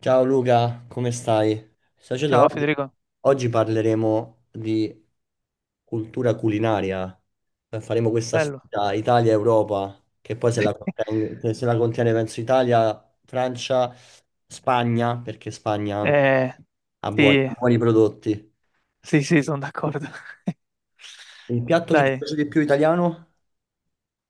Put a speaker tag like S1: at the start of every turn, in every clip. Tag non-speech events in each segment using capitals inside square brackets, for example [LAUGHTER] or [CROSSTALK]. S1: Ciao Luca, come stai? Sacedo,
S2: Ciao,
S1: oggi,
S2: Federico.
S1: oggi parleremo di cultura culinaria. Faremo questa
S2: Bello.
S1: sfida Italia-Europa, che poi se la contiene, penso Italia, Francia, Spagna, perché Spagna anche
S2: Eh, sì,
S1: ha buoni prodotti.
S2: sì, sì, sono d'accordo. [LAUGHS]
S1: Il piatto che ti
S2: Dai,
S1: piace di più italiano?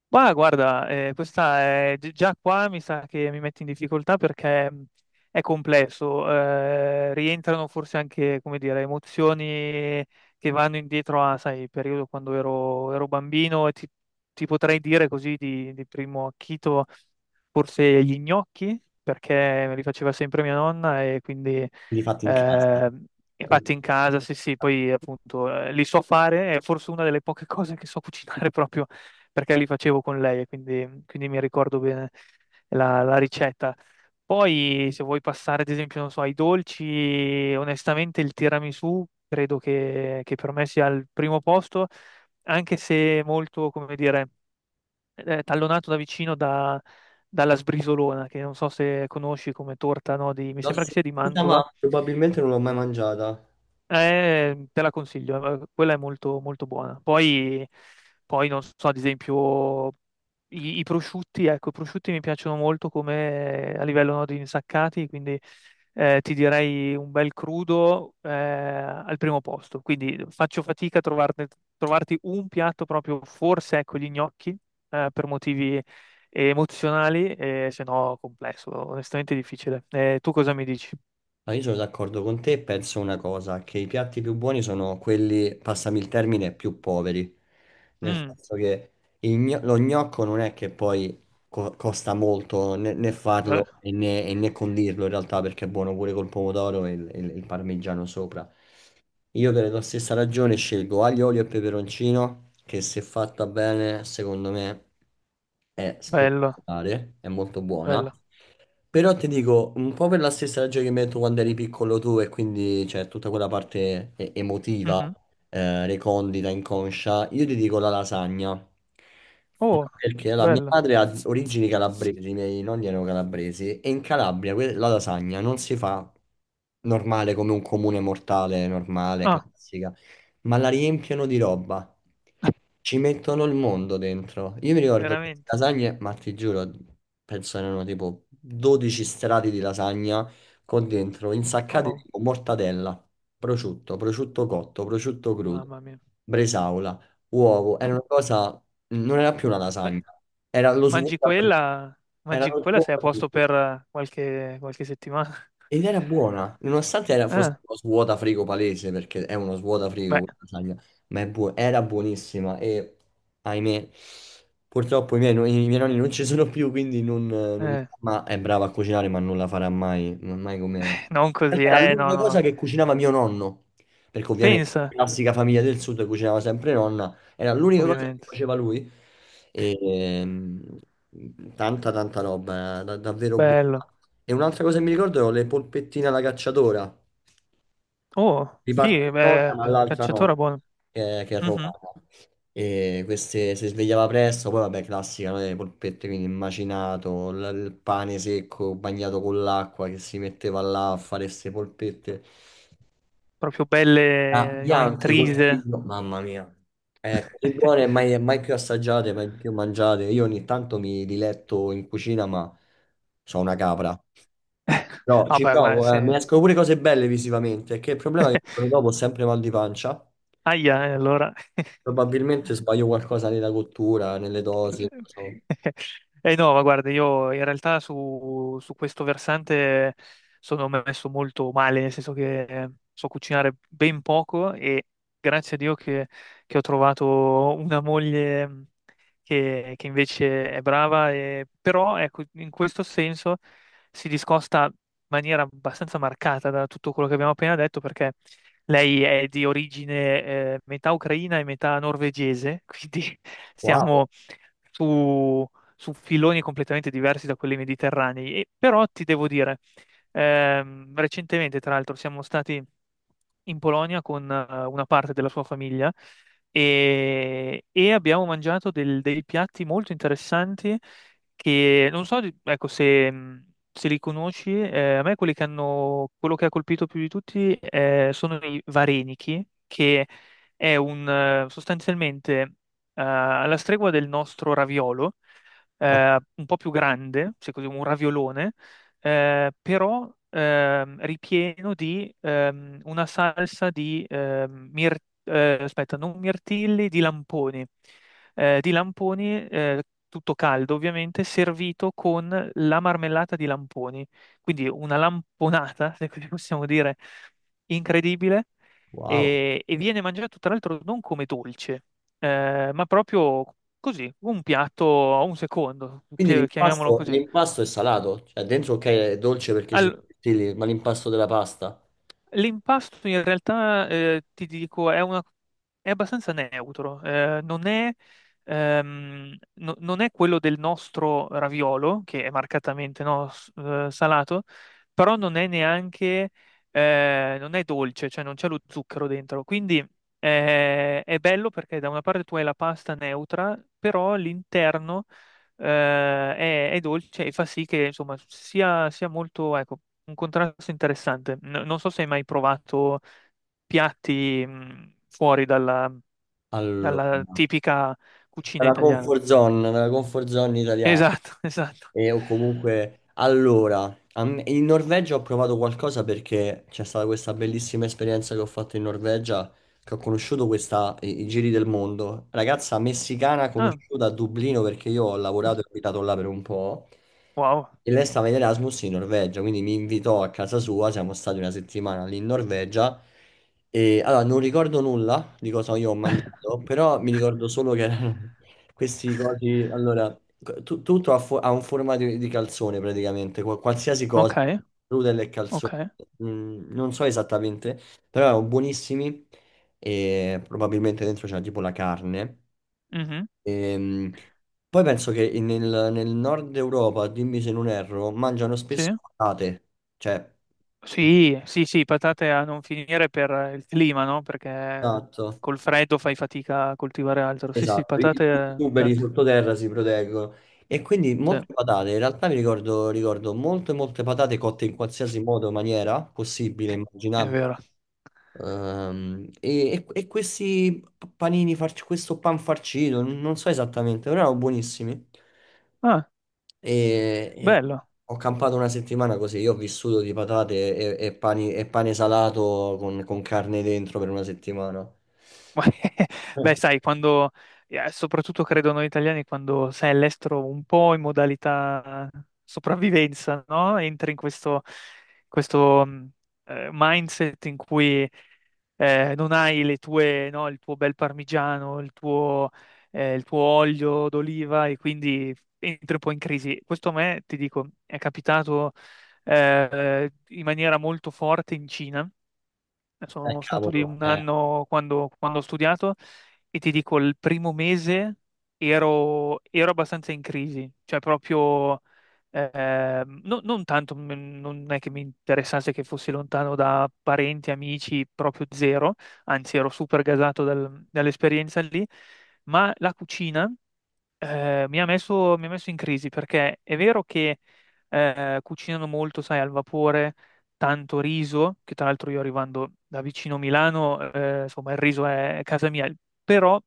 S2: ma guarda, questa è già qua mi sa che mi metti in difficoltà perché è complesso. Rientrano forse anche, come dire, emozioni che vanno indietro a, sai, il periodo quando ero bambino e ti potrei dire così di, primo acchito forse gli gnocchi, perché me li faceva sempre mia nonna e quindi
S1: Li fatti in casa.
S2: eh,
S1: Quindi,
S2: fatti in casa, sì, sì, poi appunto li so fare, è forse una delle poche [LAUGHS] cose che so cucinare [LAUGHS] proprio perché li facevo con lei e quindi mi ricordo bene la ricetta. Poi se vuoi passare ad esempio, non so, ai dolci, onestamente il tiramisù credo che per me sia al primo posto, anche se molto, come dire tallonato da vicino dalla sbrisolona, che non so se conosci come torta, no, mi
S1: l'ho
S2: sembra che sia di
S1: sentita, ma
S2: Mantova.
S1: probabilmente non l'ho mai mangiata.
S2: Te la consiglio, quella è molto, molto buona. Poi non so, ad esempio, i prosciutti, ecco, i prosciutti mi piacciono molto come a livello no, di insaccati, quindi ti direi un bel crudo al primo posto. Quindi faccio fatica a trovarti un piatto proprio, forse ecco gli gnocchi, per motivi emozionali, se no complesso, onestamente difficile. Tu cosa mi dici?
S1: Ah, io sono d'accordo con te, penso una cosa, che i piatti più buoni sono quelli, passami il termine, più poveri, nel
S2: Mm,
S1: senso che lo gnocco non è che poi costa molto né
S2: be-
S1: farlo né condirlo in realtà perché è buono pure col pomodoro e il parmigiano sopra. Io per la stessa ragione scelgo aglio, olio e peperoncino, che se fatta bene, secondo me è
S2: bello,
S1: spettacolare, è molto buona.
S2: bello.
S1: Però ti dico, un po' per la stessa ragione che mi hai detto quando eri piccolo tu e quindi c'è tutta quella parte emotiva,
S2: Mhm.
S1: recondita, inconscia, io ti dico la lasagna. No,
S2: Oh,
S1: perché allora, mia
S2: bella.
S1: madre ha origini calabresi, i miei nonni erano calabresi e in Calabria la lasagna non si fa normale come un comune mortale normale,
S2: Ah,
S1: classica, ma la riempiono di roba. Ci mettono il mondo dentro. Io mi ricordo queste
S2: veramente.
S1: lasagne, ma ti giuro, penso erano tipo 12 strati di lasagna con dentro insaccati
S2: Oh,
S1: tipo mortadella, prosciutto, prosciutto cotto, prosciutto crudo,
S2: mamma mia.
S1: bresaola, uovo. Era una cosa, non era più una
S2: Beh,
S1: lasagna, era lo
S2: mangi
S1: svuota.
S2: quella,
S1: Era
S2: mangi
S1: lo
S2: quella sei a
S1: svuota.
S2: posto per qualche settimana. [LAUGHS]
S1: Ed era buona, nonostante fosse
S2: Ah,
S1: uno svuotafrigo palese, perché è uno svuotafrigo,
S2: beh,
S1: quella lasagna, ma era buonissima e ahimè, purtroppo i miei nonni non ci sono più, quindi non mi-
S2: eh,
S1: ma è brava a cucinare, ma non la farà mai, non mai come... in
S2: non così,
S1: realtà era
S2: no,
S1: l'unica cosa
S2: no.
S1: che cucinava mio nonno, perché ovviamente
S2: Pensa,
S1: classica famiglia del sud cucinava sempre nonna, era l'unica cosa che
S2: ovviamente.
S1: faceva lui. E, tanta roba, davvero buona.
S2: Bello.
S1: E un'altra cosa che mi ricordo erano le polpettine alla cacciatora.
S2: Oh,
S1: Di parte
S2: sì,
S1: di nonna,
S2: beh,
S1: ma l'altra
S2: cacciatore
S1: nonna,
S2: buono.
S1: che è
S2: Mhm.
S1: romana. E queste si svegliava presto, poi vabbè, classica, no? Le polpette, quindi il macinato, il pane secco bagnato con l'acqua che si metteva là a fare queste polpette.
S2: Proprio
S1: Ah,
S2: belle, no,
S1: bianche col
S2: intrise.
S1: figlio, mamma mia, così buone
S2: [LAUGHS]
S1: mai, mai più assaggiate, mai più mangiate. Io ogni tanto mi diletto in cucina, ma sono una capra. No, ci
S2: Vabbè, guarda,
S1: provo, mi
S2: se—
S1: escono pure cose belle visivamente, che il problema è che il giorno
S2: [LAUGHS]
S1: dopo ho sempre mal di pancia.
S2: Aia, allora. [LAUGHS]
S1: Probabilmente sbaglio qualcosa nella cottura, nelle dosi. Non so.
S2: Eh no, ma guarda, io in realtà su questo versante sono messo molto male, nel senso che so cucinare ben poco e grazie a Dio che ho trovato una moglie che invece è brava, però ecco, in questo senso si discosta in maniera abbastanza marcata da tutto quello che abbiamo appena detto perché lei è di origine metà ucraina e metà norvegese, quindi [LAUGHS]
S1: Wow,
S2: stiamo su, su filoni completamente diversi da quelli mediterranei. E, però ti devo dire, recentemente, tra l'altro, siamo stati in Polonia con una parte della sua famiglia e abbiamo mangiato dei piatti molto interessanti che non so, ecco, se li conosci, a me quello che ha colpito più di tutti sono i varenichi, che è un sostanzialmente alla stregua del nostro raviolo,
S1: oh,
S2: un po' più grande, se così un raviolone, però ripieno di una salsa di aspetta, non mirtilli, di lamponi. Di lamponi tutto caldo ovviamente, servito con la marmellata di lamponi, quindi una lamponata, [LAUGHS] se così possiamo dire, incredibile
S1: wow.
S2: e viene mangiato tra l'altro non come dolce, ma proprio così, un piatto, a un secondo,
S1: Quindi
S2: chiamiamolo così.
S1: l'impasto è salato, cioè dentro ok è dolce perché ci sono
S2: Al-
S1: i tortilli, ma l'impasto della pasta.
S2: l'impasto in realtà, ti dico, è abbastanza neutro, non è quello del nostro raviolo, che è marcatamente no, salato, però non è neanche, non è dolce, cioè non c'è lo zucchero dentro, quindi. È bello perché da una parte tu hai la pasta neutra, però all'interno è dolce e fa sì che insomma sia molto, ecco, un contrasto interessante. Non so se hai mai provato piatti fuori dalla,
S1: Allora.
S2: dalla tipica cucina italiana.
S1: Nella comfort zone italiana.
S2: Esatto, [LAUGHS] esatto.
S1: E o comunque, allora, in Norvegia ho provato qualcosa perché c'è stata questa bellissima esperienza che ho fatto in Norvegia, che ho conosciuto questa, i giri del mondo. Ragazza messicana
S2: Ah,
S1: conosciuta a Dublino perché io ho lavorato e abitato là per un po'.
S2: wow.
S1: E lei stava in Erasmus in Norvegia, quindi mi invitò a casa sua, siamo stati una settimana lì in Norvegia. E allora non ricordo nulla di cosa io ho mangiato, però mi ricordo solo che erano [LAUGHS] questi cosi. Allora, tutto ha, ha un formato di calzone praticamente, qualsiasi cosa,
S2: Ok,
S1: noodle e calzone.
S2: ok.
S1: Mm, non so esattamente, però erano buonissimi e probabilmente dentro c'era tipo la carne.
S2: Mhm,
S1: Ehm, poi penso che nel, nel nord Europa, dimmi se non erro, mangiano spesso
S2: sì.
S1: patate, cioè,
S2: Sì, sì, sì, patate a non finire per il clima, no? Perché
S1: esatto.
S2: col freddo fai fatica a coltivare altro. Sì, sì,
S1: Esatto, i
S2: patate
S1: tuberi
S2: tante.
S1: sottoterra si proteggono e quindi
S2: Sì.
S1: molte patate, in realtà mi ricordo, ricordo molte molte patate cotte in qualsiasi modo, maniera possibile,
S2: È
S1: immaginabile.
S2: vero.
S1: E questi panini, questo pan farcito, non so esattamente, però erano buonissimi.
S2: Ah,
S1: E
S2: bello.
S1: ho campato una settimana così, io ho vissuto di patate e, e pane salato con carne dentro per una settimana.
S2: [LAUGHS] Beh,
S1: Eh,
S2: sai, quando, soprattutto credo noi italiani, quando sei all'estero un po' in modalità sopravvivenza, no? Entri in questo mindset in cui non hai le tue, no, il tuo bel parmigiano, il tuo olio d'oliva e quindi entri un po' in crisi. Questo a me, ti dico, è capitato in maniera molto forte in Cina. Sono stato lì
S1: cavolo,
S2: un anno quando ho studiato e ti dico, il primo mese ero abbastanza in crisi, cioè proprio non tanto, non è che mi interessasse che fossi lontano da parenti, amici, proprio zero, anzi ero super gasato dall'esperienza lì, ma la cucina. Mi ha messo in crisi perché è vero che cucinano molto, sai, al vapore, tanto riso, che tra l'altro io arrivando da vicino Milano, insomma, il riso è casa mia, però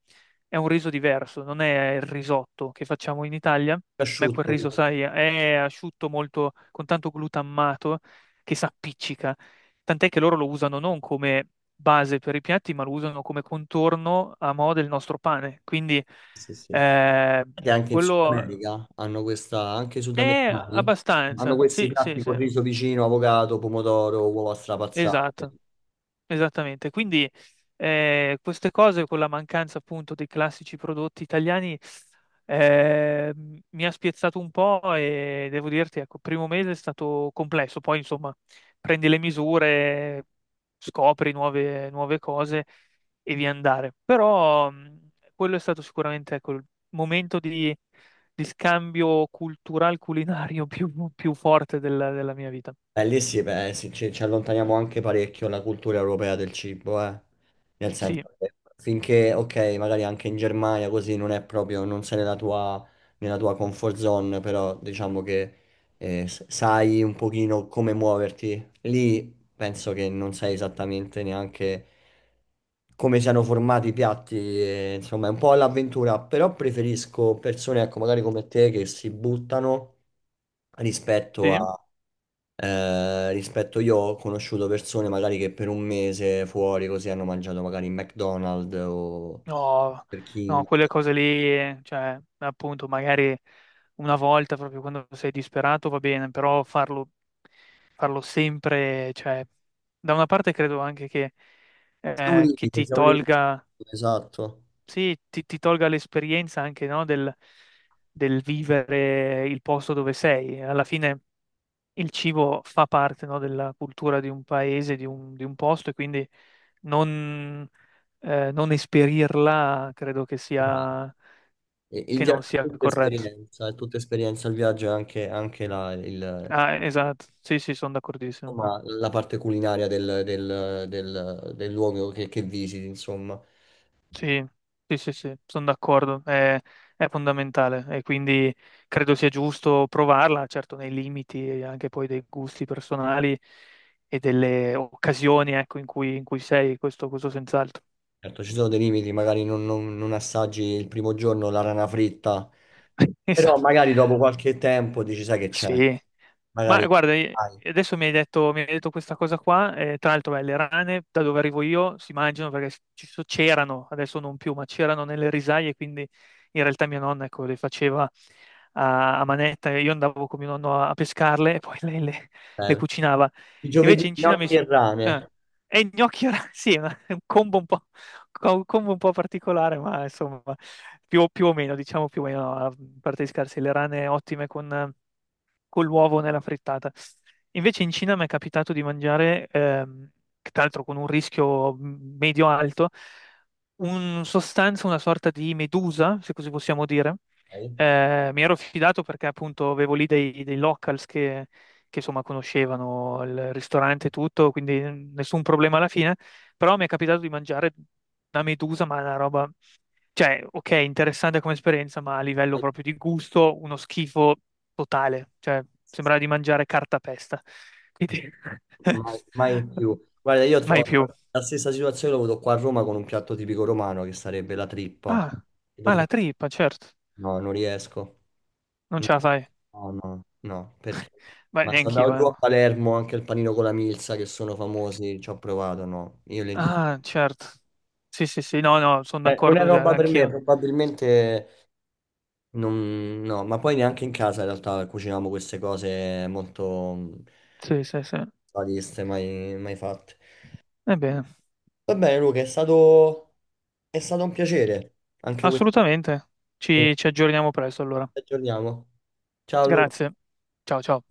S2: è un riso diverso, non è il risotto che facciamo in Italia, ma è quel
S1: asciutto.
S2: riso, sai, è asciutto molto, con tanto glutammato che si appiccica, tant'è che loro lo usano non come base per i piatti, ma lo usano come contorno a mo' del nostro pane, quindi.
S1: Sì, sì.
S2: Eh,
S1: Che anche in Sud
S2: quello
S1: America hanno questa, anche i
S2: è
S1: sudamericani hanno
S2: abbastanza,
S1: questi
S2: sì, sì,
S1: piatti
S2: sì,
S1: con riso vicino, avocado, pomodoro, uova strapazzate.
S2: esatto. Esattamente, quindi queste cose con la mancanza appunto dei classici prodotti italiani mi ha spiazzato un po' e devo dirti, ecco, il primo mese è stato complesso, poi insomma prendi le misure, scopri nuove, nuove cose e via andare. Però quello è stato sicuramente ecco, il momento di scambio cultural culinario [LAUGHS] più forte della mia vita.
S1: Lì sì, beh, sì, ci allontaniamo anche parecchio dalla cultura europea del cibo, eh. Nel
S2: Sì,
S1: senso che finché, ok, magari anche in Germania così non è proprio, non sei nella tua comfort zone, però diciamo che sai un pochino come muoverti. Lì penso che non sai esattamente neanche come siano formati i piatti, e, insomma, è un po' all'avventura, però preferisco persone, ecco, magari come te che si buttano rispetto
S2: sì.
S1: a rispetto io ho conosciuto persone magari che per un mese fuori così hanno mangiato magari in McDonald's o
S2: No,
S1: Burger
S2: no,
S1: King.
S2: quelle cose lì, cioè, appunto, magari una volta proprio quando sei disperato va bene, però farlo sempre, cioè, da una parte credo anche che,
S1: C'è un
S2: eh, che
S1: limite,
S2: ti
S1: c'è un limite.
S2: tolga,
S1: Esatto.
S2: sì, ti tolga l'esperienza anche, no, del vivere il posto dove sei. Alla fine il cibo fa parte, no, della cultura di un paese, di un posto, e quindi non, non esperirla credo che
S1: Esatto.
S2: sia,
S1: Il
S2: che non
S1: viaggio
S2: sia corretto.
S1: è tutta esperienza, il viaggio è anche, anche la,
S2: Ah, esatto, sì, sì, sono d'accordissimo.
S1: insomma, la parte culinaria del, del luogo che visiti, insomma.
S2: Sì, sì, sì, sì, sono d'accordo, è fondamentale e quindi credo sia giusto provarla, certo nei limiti e anche poi dei gusti personali e delle occasioni, ecco, in cui sei, questo senz'altro.
S1: Certo, ci sono dei limiti, magari non, non assaggi il primo giorno la rana fritta,
S2: [LAUGHS]
S1: però
S2: Esatto.
S1: magari dopo qualche tempo dici, sai che c'è.
S2: Sì, ma
S1: Magari
S2: guarda,
S1: hai
S2: adesso mi hai detto questa cosa qua, tra l'altro beh, le rane da dove arrivo io si mangiano perché c'erano, adesso non più, ma c'erano nelle risaie, quindi in realtà mia nonna ecco, le faceva a manetta e io andavo con mio nonno a pescarle e poi [LAUGHS] lei le
S1: per
S2: cucinava.
S1: i
S2: Invece
S1: giovedì,
S2: in Cina mi—
S1: gnocchi e
S2: eh,
S1: rame,
S2: e i gnocchi, [LAUGHS] sì, è un combo un po', un combo un po', particolare, ma insomma, più o meno, diciamo più o meno, a parte di scarsi, le rane ottime con l'uovo nella frittata. Invece in Cina mi è capitato di mangiare, che tra l'altro con un rischio medio-alto, un sostanza, una sorta di medusa, se così possiamo dire.
S1: ok?
S2: Mi ero fidato perché appunto avevo lì dei locals che, insomma conoscevano il ristorante e tutto, quindi nessun problema alla fine, però mi è capitato di mangiare una medusa, ma una roba, cioè, ok, interessante come esperienza, ma a livello
S1: Mai,
S2: proprio di gusto, uno schifo totale, cioè sembrava di mangiare cartapesta. Quindi
S1: mai
S2: [LAUGHS]
S1: più. Guarda, io ho
S2: mai più.
S1: la stessa situazione, l'ho avuto qua a Roma con un piatto tipico romano che sarebbe la trippa.
S2: Ah,
S1: Tipo
S2: ah, la
S1: trippa.
S2: trippa, certo.
S1: No, non riesco.
S2: Non ce la fai.
S1: No, no, no, perché?
S2: Beh,
S1: Ma sono
S2: neanche io,
S1: andato giù a
S2: eh.
S1: Palermo anche il panino con la milza che sono famosi, ci ho provato, no, io le intendo.
S2: Ah, certo. Sì, sì, sì, no, no, sono
S1: Non è
S2: d'accordo, cioè,
S1: roba per me,
S2: anch'io.
S1: probabilmente no, ma poi neanche in casa in realtà cuciniamo queste cose molto mm,
S2: Sì, sì, sì.
S1: sadiste, mai, mai fatte.
S2: Ebbene,
S1: Va bene, Luca, è stato un piacere. Anche questo.
S2: assolutamente.
S1: Ci
S2: Ci aggiorniamo presto allora.
S1: aggiorniamo. Ciao, Luca.
S2: Grazie. Ciao, ciao.